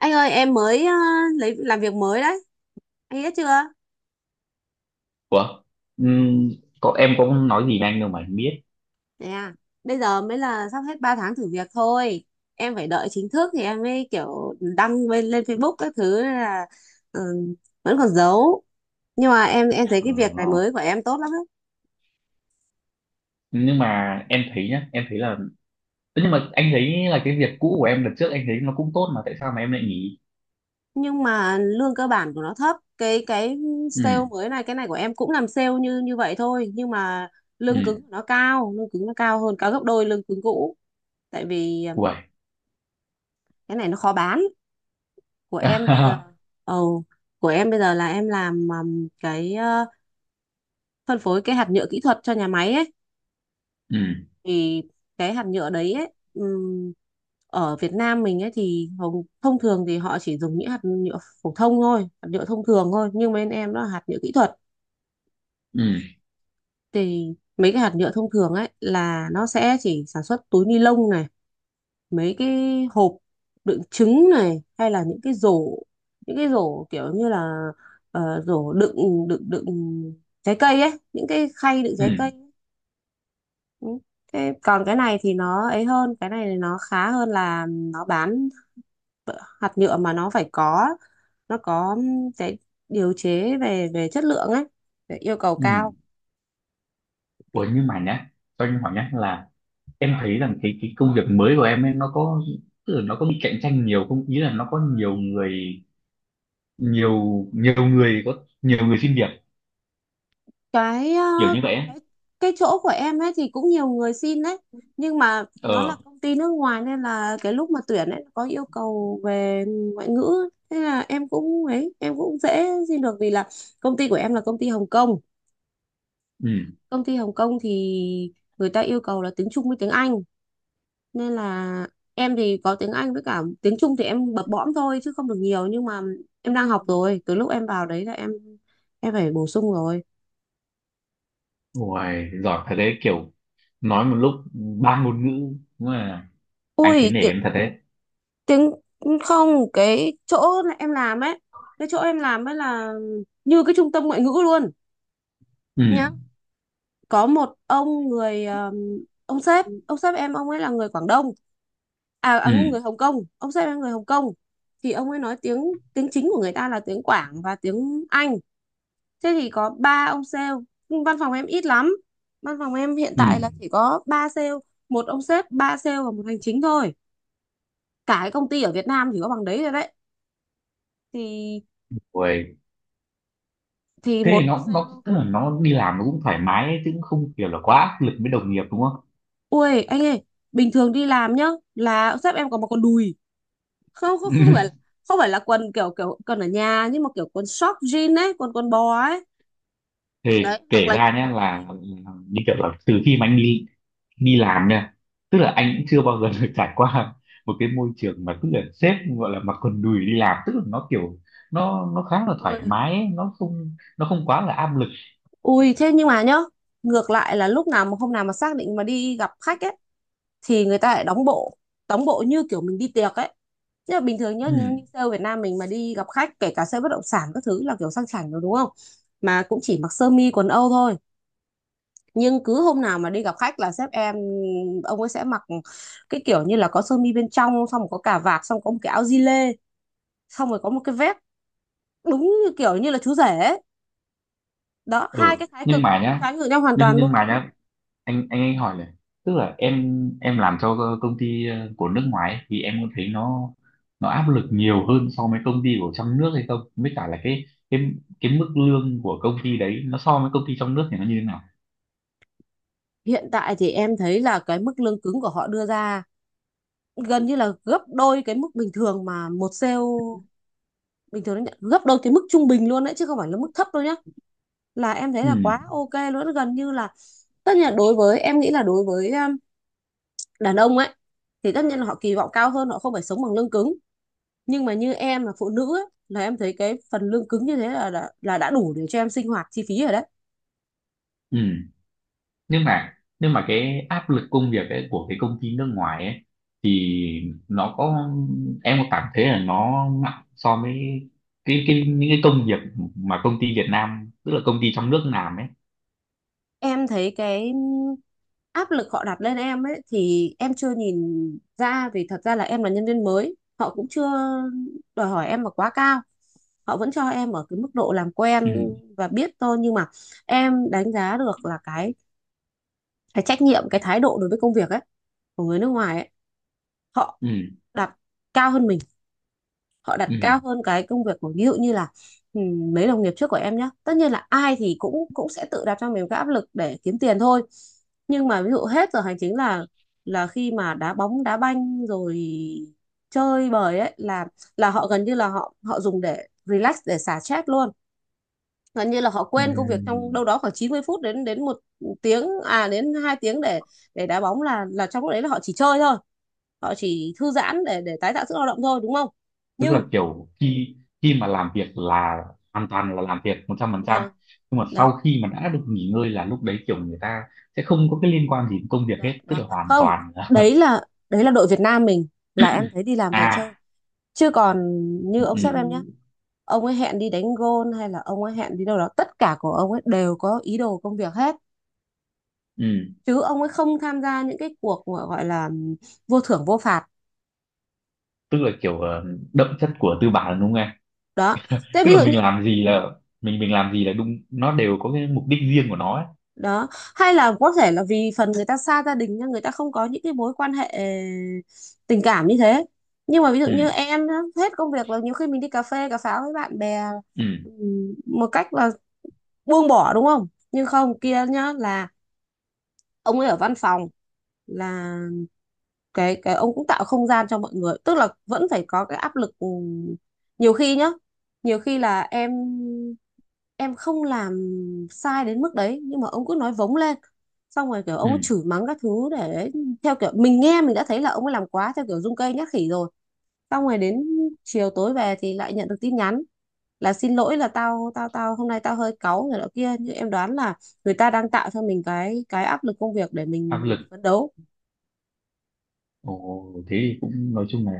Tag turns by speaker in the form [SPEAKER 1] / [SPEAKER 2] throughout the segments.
[SPEAKER 1] Anh ơi em mới lấy làm việc mới đấy. Anh biết chưa?
[SPEAKER 2] Ủa? Ừm, em có nói gì với anh đâu mà anh biết.
[SPEAKER 1] Thế à? Bây giờ mới là sắp hết 3 tháng thử việc thôi. Em phải đợi chính thức thì em mới kiểu đăng lên, lên Facebook các thứ nên là ừ, vẫn còn giấu. Nhưng mà em thấy cái việc này
[SPEAKER 2] Ờ,
[SPEAKER 1] mới của em tốt lắm đấy.
[SPEAKER 2] nhưng mà em thấy nhá, em thấy là nhưng mà anh thấy là cái việc cũ của em lần trước anh thấy nó cũng tốt mà tại sao mà em lại nghỉ?
[SPEAKER 1] Nhưng mà lương cơ bản của nó thấp. Cái
[SPEAKER 2] Ừ,
[SPEAKER 1] sale mới này, cái này của em cũng làm sale như như vậy thôi. Nhưng mà lương cứng của
[SPEAKER 2] ừ,
[SPEAKER 1] nó cao. Lương cứng nó cao hơn cả gấp đôi lương cứng cũ. Tại vì
[SPEAKER 2] uầy.
[SPEAKER 1] cái này nó khó bán, của em bây giờ. ồ của em bây giờ là em làm cái phân phối cái hạt nhựa kỹ thuật cho nhà máy ấy.
[SPEAKER 2] Ừ,
[SPEAKER 1] Thì cái hạt nhựa đấy ấy ở Việt Nam mình ấy thì thông thường thì họ chỉ dùng những hạt nhựa phổ thông thôi, hạt nhựa thông thường thôi, nhưng bên em nó là hạt nhựa kỹ thuật.
[SPEAKER 2] ừ,
[SPEAKER 1] Thì mấy cái hạt nhựa thông thường ấy là nó sẽ chỉ sản xuất túi ni lông này, mấy cái hộp đựng trứng này, hay là những cái rổ, những cái rổ kiểu như là ờ, rổ đựng đựng đựng trái cây ấy, những cái khay đựng trái cây
[SPEAKER 2] ừ,
[SPEAKER 1] ấy. Ừ. Thế còn cái này thì nó ấy hơn, cái này nó khá hơn là nó bán hạt nhựa mà nó phải có, nó có cái điều chế về về chất lượng ấy, để yêu cầu
[SPEAKER 2] ừ.
[SPEAKER 1] cao.
[SPEAKER 2] Ủa, nhưng mà nhá, cho anh hỏi nhá là em thấy rằng cái công việc mới của em ấy nó có, tức là nó có bị cạnh tranh nhiều không? Ý là nó có nhiều người, nhiều nhiều người, có nhiều người xin việc
[SPEAKER 1] Cái
[SPEAKER 2] kiểu như vậy ấy.
[SPEAKER 1] cái chỗ của em ấy thì cũng nhiều người xin đấy, nhưng mà nó
[SPEAKER 2] Ờ,
[SPEAKER 1] là công ty nước ngoài nên là cái lúc mà tuyển ấy có yêu cầu về ngoại ngữ, thế là em cũng ấy em cũng dễ xin được vì là công ty của em là công ty Hồng Kông. Công ty Hồng Kông thì người ta yêu cầu là tiếng Trung với tiếng Anh, nên là em thì có tiếng Anh với cả tiếng Trung thì em bập bõm thôi chứ không được nhiều, nhưng mà em đang học
[SPEAKER 2] ừ.
[SPEAKER 1] rồi. Từ lúc em vào đấy là em phải bổ sung rồi.
[SPEAKER 2] Uầy, giỏi thật đấy, kiểu nói một lúc ba ngôn ngữ, đúng là anh
[SPEAKER 1] Ui,
[SPEAKER 2] thấy nể em thật đấy.
[SPEAKER 1] tiếng không, cái chỗ em làm ấy, cái chỗ em làm ấy là như cái trung tâm ngoại ngữ luôn, nhá.
[SPEAKER 2] Ừ,
[SPEAKER 1] Có một ông người ông sếp em, ông ấy là người Quảng Đông. À, à
[SPEAKER 2] ừ,
[SPEAKER 1] người Hồng Kông, ông sếp em người Hồng Kông. Thì ông ấy nói tiếng tiếng chính của người ta là tiếng Quảng và tiếng Anh. Thế thì có 3 ông sale, nhưng văn phòng em ít lắm. Văn phòng em hiện tại là
[SPEAKER 2] ừ.
[SPEAKER 1] chỉ có 3 sale, một ông sếp, 3 sale và một hành chính thôi. Cả cái công ty ở Việt Nam chỉ có bằng đấy rồi đấy. Thì
[SPEAKER 2] Uầy, thế thì
[SPEAKER 1] một
[SPEAKER 2] nó,
[SPEAKER 1] sale.
[SPEAKER 2] tức là nó đi làm nó cũng thoải mái ấy, chứ cũng không kiểu là quá áp lực với đồng nghiệp đúng không?
[SPEAKER 1] Ui anh ơi, bình thường đi làm nhá là sếp em có mặc quần đùi. Không, không, không phải, không phải là quần kiểu kiểu quần ở nhà, nhưng mà kiểu quần short jean ấy, quần quần bò ấy, đấy,
[SPEAKER 2] Thì
[SPEAKER 1] hoặc
[SPEAKER 2] kể
[SPEAKER 1] là những
[SPEAKER 2] ra nhé
[SPEAKER 1] quần kaki.
[SPEAKER 2] là, như kiểu là từ khi mà anh đi đi làm nha, tức là anh cũng chưa bao giờ được trải qua một cái môi trường mà tức là sếp gọi là mặc quần đùi đi làm, tức là nó kiểu, nó khá là thoải
[SPEAKER 1] Ui
[SPEAKER 2] mái ấy, nó không quá là áp lực.
[SPEAKER 1] Ui, thế nhưng mà nhá, ngược lại là lúc nào mà hôm nào mà xác định mà đi gặp khách ấy thì người ta lại đóng bộ, đóng bộ như kiểu mình đi tiệc ấy. Chứ là bình thường nhá, như,
[SPEAKER 2] Ừ.
[SPEAKER 1] như sale Việt Nam mình mà đi gặp khách, kể cả sale bất động sản các thứ là kiểu sang chảnh rồi đúng không, mà cũng chỉ mặc sơ mi quần âu thôi. Nhưng cứ hôm nào mà đi gặp khách là sếp em, ông ấy sẽ mặc cái kiểu như là có sơ mi bên trong, xong rồi có cà vạt, xong có một cái áo gi lê, xong rồi có một cái vest, đúng như kiểu như là chú rể ấy. Đó, hai
[SPEAKER 2] Ừ,
[SPEAKER 1] cái thái
[SPEAKER 2] nhưng
[SPEAKER 1] cực
[SPEAKER 2] mà
[SPEAKER 1] nó
[SPEAKER 2] nhá,
[SPEAKER 1] trái ngược nhau hoàn toàn
[SPEAKER 2] nhưng
[SPEAKER 1] luôn.
[SPEAKER 2] mà nhá, anh hỏi này, tức là em, làm cho công ty của nước ngoài ấy, thì em có thấy nó, áp lực nhiều hơn so với công ty của trong nước hay không, với cả là cái cái mức lương của công ty đấy nó so với công ty trong nước thì nó như thế nào?
[SPEAKER 1] Hiện tại thì em thấy là cái mức lương cứng của họ đưa ra gần như là gấp đôi cái mức bình thường mà một sale bình thường nó nhận, gấp đôi cái mức trung bình luôn đấy chứ không phải là mức thấp đâu nhá. Là em thấy là quá ok luôn, gần như là tất nhiên là đối với em nghĩ là đối với đàn ông ấy thì tất nhiên là họ kỳ vọng cao hơn, họ không phải sống bằng lương cứng, nhưng mà như em là phụ nữ ấy, là em thấy cái phần lương cứng như thế là đã đủ để cho em sinh hoạt chi phí rồi đấy.
[SPEAKER 2] Ừ, nhưng mà, cái áp lực công việc ấy, của cái công ty nước ngoài ấy, thì nó có em có cảm thấy là nó nặng so với cái những cái công việc mà công ty Việt Nam, tức là công ty trong nước làm ấy?
[SPEAKER 1] Em thấy cái áp lực họ đặt lên em ấy thì em chưa nhìn ra, vì thật ra là em là nhân viên mới, họ cũng chưa đòi hỏi em là quá cao, họ vẫn cho em ở cái mức độ làm quen
[SPEAKER 2] Ừ,
[SPEAKER 1] và biết thôi. Nhưng mà em đánh giá được là cái trách nhiệm, cái thái độ đối với công việc ấy của người nước ngoài ấy, họ
[SPEAKER 2] ừ,
[SPEAKER 1] đặt cao hơn mình. Họ đặt
[SPEAKER 2] ừ,
[SPEAKER 1] cao hơn cái công việc của, ví dụ như là, mấy đồng nghiệp trước của em nhé. Tất nhiên là ai thì cũng cũng sẽ tự đặt cho mình cái áp lực để kiếm tiền thôi, nhưng mà ví dụ hết giờ hành chính là khi mà đá bóng đá banh rồi, chơi bời ấy, là họ gần như là họ họ dùng để relax, để xả stress luôn. Gần như là họ
[SPEAKER 2] ừ.
[SPEAKER 1] quên công việc trong đâu đó khoảng 90 phút đến đến 1 tiếng, à đến 2 tiếng để đá bóng, là trong lúc đấy là họ chỉ chơi thôi, họ chỉ thư giãn để tái tạo sức lao động thôi đúng không.
[SPEAKER 2] Tức
[SPEAKER 1] Nhưng
[SPEAKER 2] là kiểu khi khi mà làm việc là hoàn toàn là làm việc 100%,
[SPEAKER 1] vâng,
[SPEAKER 2] nhưng mà sau
[SPEAKER 1] đó,
[SPEAKER 2] khi mà đã được nghỉ ngơi là lúc đấy kiểu người ta sẽ không có cái liên quan gì đến công việc
[SPEAKER 1] đó,
[SPEAKER 2] hết, tức
[SPEAKER 1] đó.
[SPEAKER 2] là hoàn
[SPEAKER 1] Không,
[SPEAKER 2] toàn là
[SPEAKER 1] đấy là đội Việt Nam mình là em thấy đi làm về chơi,
[SPEAKER 2] à,
[SPEAKER 1] chứ còn như
[SPEAKER 2] ừ,
[SPEAKER 1] ông
[SPEAKER 2] ừ.
[SPEAKER 1] sếp em nhé, ông ấy hẹn đi đánh gôn hay là ông ấy hẹn đi đâu đó, tất cả của ông ấy đều có ý đồ công việc hết,
[SPEAKER 2] Ừ.
[SPEAKER 1] chứ ông ấy không tham gia những cái cuộc mà gọi là vô thưởng vô phạt.
[SPEAKER 2] Tức là kiểu đậm chất của tư bản đúng không em?
[SPEAKER 1] Đó, thế
[SPEAKER 2] Tức
[SPEAKER 1] ví
[SPEAKER 2] là
[SPEAKER 1] dụ
[SPEAKER 2] mình
[SPEAKER 1] như
[SPEAKER 2] làm gì là, mình làm gì là đúng, nó đều có cái mục đích riêng của nó ấy.
[SPEAKER 1] đó, hay là có thể là vì phần người ta xa gia đình nên người ta không có những cái mối quan hệ tình cảm như thế. Nhưng mà ví dụ như
[SPEAKER 2] Ừ,
[SPEAKER 1] em á, hết công việc là nhiều khi mình đi cà phê cà pháo với bạn bè,
[SPEAKER 2] ừ,
[SPEAKER 1] một cách là buông bỏ đúng không. Nhưng không, kia nhá, là ông ấy ở văn phòng là cái ông cũng tạo không gian cho mọi người, tức là vẫn phải có cái áp lực. Ừ, nhiều khi nhá, nhiều khi là em không làm sai đến mức đấy, nhưng mà ông cứ nói vống lên, xong rồi kiểu ông ấy chửi
[SPEAKER 2] ừ.
[SPEAKER 1] mắng các thứ, để theo kiểu mình nghe mình đã thấy là ông ấy làm quá theo kiểu rung cây nhát khỉ rồi. Xong rồi đến chiều tối về thì lại nhận được tin nhắn là xin lỗi, là tao tao tao hôm nay tao hơi cáu người đó kia, nhưng em đoán là người ta đang tạo cho mình cái áp lực công việc để
[SPEAKER 2] Áp
[SPEAKER 1] mình
[SPEAKER 2] lực.
[SPEAKER 1] phấn đấu.
[SPEAKER 2] Ồ, thế thì cũng nói chung là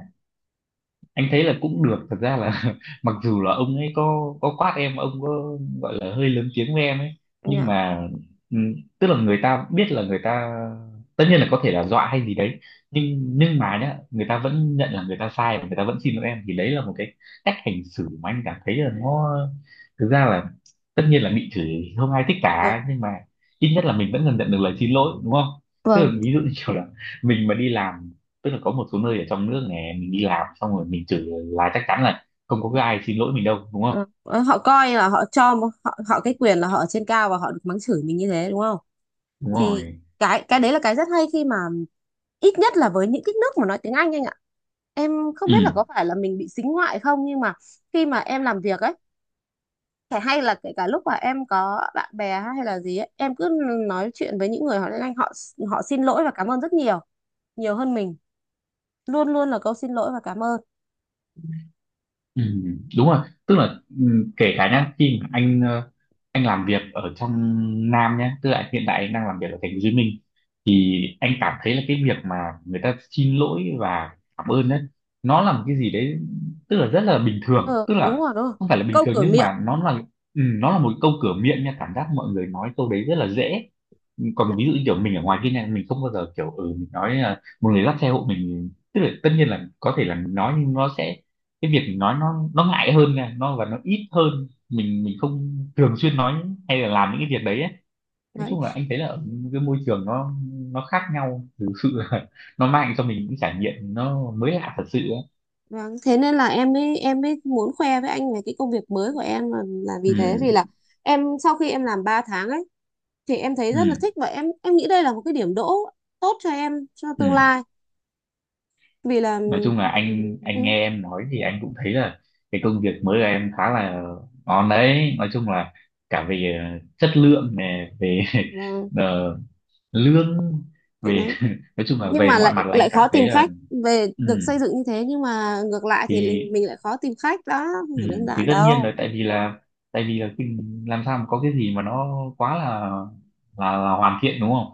[SPEAKER 2] anh thấy là cũng được, thật ra là mặc dù là ông ấy có quát em, ông có gọi là hơi lớn tiếng với em ấy, nhưng
[SPEAKER 1] Dạ.
[SPEAKER 2] mà ừ, tức là người ta biết là người ta, tất nhiên là có thể là dọa hay gì đấy, nhưng mà nhá người ta vẫn nhận là người ta sai và người ta vẫn xin lỗi em, thì đấy là một cái cách hành xử mà anh cảm thấy là nó, thực ra là, tất nhiên là bị chửi không ai thích
[SPEAKER 1] Dạ.
[SPEAKER 2] cả, nhưng mà ít nhất là mình vẫn dần nhận được lời xin lỗi đúng không? Tức là
[SPEAKER 1] Vâng.
[SPEAKER 2] ví dụ như kiểu là mình mà đi làm, tức là có một số nơi ở trong nước này mình đi làm xong rồi mình chửi là chắc chắn là không có cái ai xin lỗi mình đâu đúng không?
[SPEAKER 1] Ờ, ờ, họ coi là họ họ cái quyền là họ ở trên cao và họ được mắng chửi mình như thế đúng không.
[SPEAKER 2] Đúng
[SPEAKER 1] Thì
[SPEAKER 2] rồi.
[SPEAKER 1] cái đấy là cái rất hay, khi mà ít nhất là với những cái nước mà nói tiếng anh ạ. Em không biết là
[SPEAKER 2] Ừ,
[SPEAKER 1] có phải là mình bị sính ngoại không, nhưng mà khi mà em làm việc ấy, phải hay là kể cả lúc mà em có bạn bè hay là gì ấy, em cứ nói chuyện với những người họ tiếng Anh, họ họ xin lỗi và cảm ơn rất nhiều, nhiều hơn mình. Luôn luôn là câu xin lỗi và cảm ơn.
[SPEAKER 2] ừ, đúng rồi, tức là ừ, kể cả nhá khi mà anh anh làm việc ở trong Nam nhá, tức là hiện tại anh đang làm việc ở thành phố Hồ Chí Minh, thì anh cảm thấy là cái việc mà người ta xin lỗi và cảm ơn đấy, nó là một cái gì đấy, tức là rất là bình thường,
[SPEAKER 1] Ừ,
[SPEAKER 2] tức
[SPEAKER 1] đúng
[SPEAKER 2] là
[SPEAKER 1] rồi, đúng rồi,
[SPEAKER 2] không phải là bình
[SPEAKER 1] câu
[SPEAKER 2] thường,
[SPEAKER 1] cửa
[SPEAKER 2] nhưng
[SPEAKER 1] miệng.
[SPEAKER 2] mà nó là, ừ, nó là một câu cửa miệng nha, cảm giác mọi người nói câu đấy rất là dễ. Còn ví dụ như kiểu mình ở ngoài kia này mình không bao giờ kiểu ừ mình nói là một người dắt xe hộ mình, tức là tất nhiên là có thể là mình nói nhưng nó sẽ, cái việc mình nói nó, ngại hơn nè, nó và nó ít hơn, mình không thường xuyên nói hay là làm những cái việc đấy ấy. Nói
[SPEAKER 1] Đấy.
[SPEAKER 2] chung là anh thấy là ở cái môi trường nó, khác nhau, thực sự là nó mang cho mình những trải nghiệm nó mới lạ thật sự ấy.
[SPEAKER 1] Vâng, thế nên là em mới muốn khoe với anh về cái công việc mới của em, là, vì thế vì
[SPEAKER 2] Ừ.
[SPEAKER 1] là em sau khi em làm 3 tháng ấy thì em thấy
[SPEAKER 2] Ừ.
[SPEAKER 1] rất là
[SPEAKER 2] Ừ,
[SPEAKER 1] thích, và em nghĩ đây là một cái điểm đỗ tốt cho em cho
[SPEAKER 2] ừ.
[SPEAKER 1] tương lai, vì là
[SPEAKER 2] Nói chung là anh
[SPEAKER 1] ừ,
[SPEAKER 2] nghe em nói thì anh cũng thấy là cái công việc mới của em khá là ngon đấy, nói chung là cả về chất lượng này, về
[SPEAKER 1] vâng,
[SPEAKER 2] ờ, lương,
[SPEAKER 1] chỗ
[SPEAKER 2] về
[SPEAKER 1] đấy
[SPEAKER 2] nói chung là
[SPEAKER 1] nhưng
[SPEAKER 2] về
[SPEAKER 1] mà
[SPEAKER 2] mọi
[SPEAKER 1] lại
[SPEAKER 2] mặt là anh
[SPEAKER 1] lại
[SPEAKER 2] cảm
[SPEAKER 1] khó
[SPEAKER 2] thấy
[SPEAKER 1] tìm
[SPEAKER 2] là,
[SPEAKER 1] khách. Về
[SPEAKER 2] ừ,
[SPEAKER 1] được xây dựng như thế nhưng mà ngược lại thì mình
[SPEAKER 2] thì,
[SPEAKER 1] mình lại khó tìm khách, đó không
[SPEAKER 2] ừ,
[SPEAKER 1] phải đơn giản
[SPEAKER 2] tất nhiên
[SPEAKER 1] đâu.
[SPEAKER 2] là tại vì là, tại vì là cái- làm sao mà có cái gì mà nó quá là là hoàn thiện đúng không?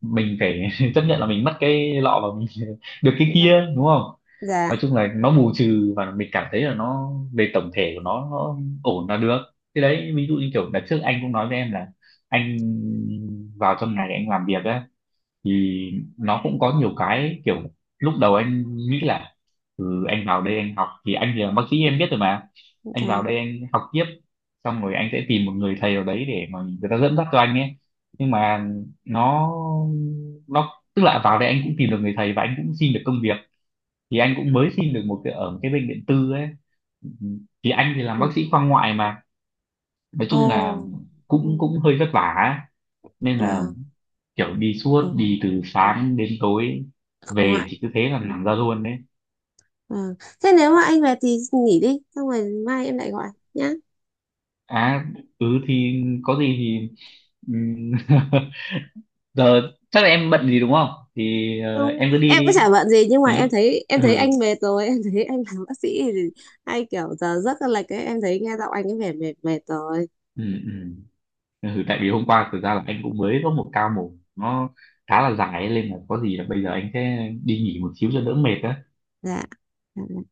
[SPEAKER 2] Mình phải chấp nhận là mình mất cái lọ và mình được cái kia
[SPEAKER 1] Dạ,
[SPEAKER 2] đúng không?
[SPEAKER 1] dạ,
[SPEAKER 2] Nói chung là nó bù trừ và mình cảm thấy là nó, về tổng thể của nó ổn là được. Thế đấy, ví dụ như kiểu đợt trước anh cũng nói với em là anh vào trong này anh làm việc ấy, thì nó cũng có nhiều cái kiểu, lúc đầu anh nghĩ là ừ, anh vào đây anh học thì anh thì là bác sĩ em biết rồi mà, anh
[SPEAKER 1] dạ.
[SPEAKER 2] vào đây anh học tiếp xong rồi anh sẽ tìm một người thầy ở đấy để mà người ta dẫn dắt cho anh ấy, nhưng mà nó, tức là vào đây anh cũng tìm được người thầy và anh cũng xin được công việc, thì anh cũng mới xin được một cái ở một cái bệnh viện tư ấy, thì anh thì làm
[SPEAKER 1] Ừ.
[SPEAKER 2] bác sĩ khoa ngoại mà, nói chung là
[SPEAKER 1] Ồ,
[SPEAKER 2] cũng cũng hơi vất vả ấy. Nên là
[SPEAKER 1] dạ.
[SPEAKER 2] kiểu đi suốt, đi từ sáng đến tối,
[SPEAKER 1] Ừ.
[SPEAKER 2] về chỉ cứ thế là nằm ra luôn đấy.
[SPEAKER 1] Vâng. Thế nếu mà anh về thì nghỉ đi, xong rồi mai em lại gọi nhá.
[SPEAKER 2] À, ừ thì có gì thì, ừm, giờ chắc là em bận gì đúng không, thì
[SPEAKER 1] Không,
[SPEAKER 2] em cứ đi
[SPEAKER 1] em có chả
[SPEAKER 2] đi.
[SPEAKER 1] bận gì, nhưng mà
[SPEAKER 2] Đến lúc,
[SPEAKER 1] em thấy em
[SPEAKER 2] ừ,
[SPEAKER 1] thấy anh mệt rồi, em thấy anh làm bác sĩ thì hay kiểu giờ giấc là lệch ấy, em thấy nghe giọng anh ấy vẻ mệt mệt rồi.
[SPEAKER 2] ừ, ừ. Ừ, tại vì hôm qua thực ra là anh cũng mới có một ca mổ, nó khá là dài ấy, nên là có gì là bây giờ anh sẽ đi nghỉ một xíu cho đỡ mệt á.
[SPEAKER 1] Dạ. Dạ. Dạ.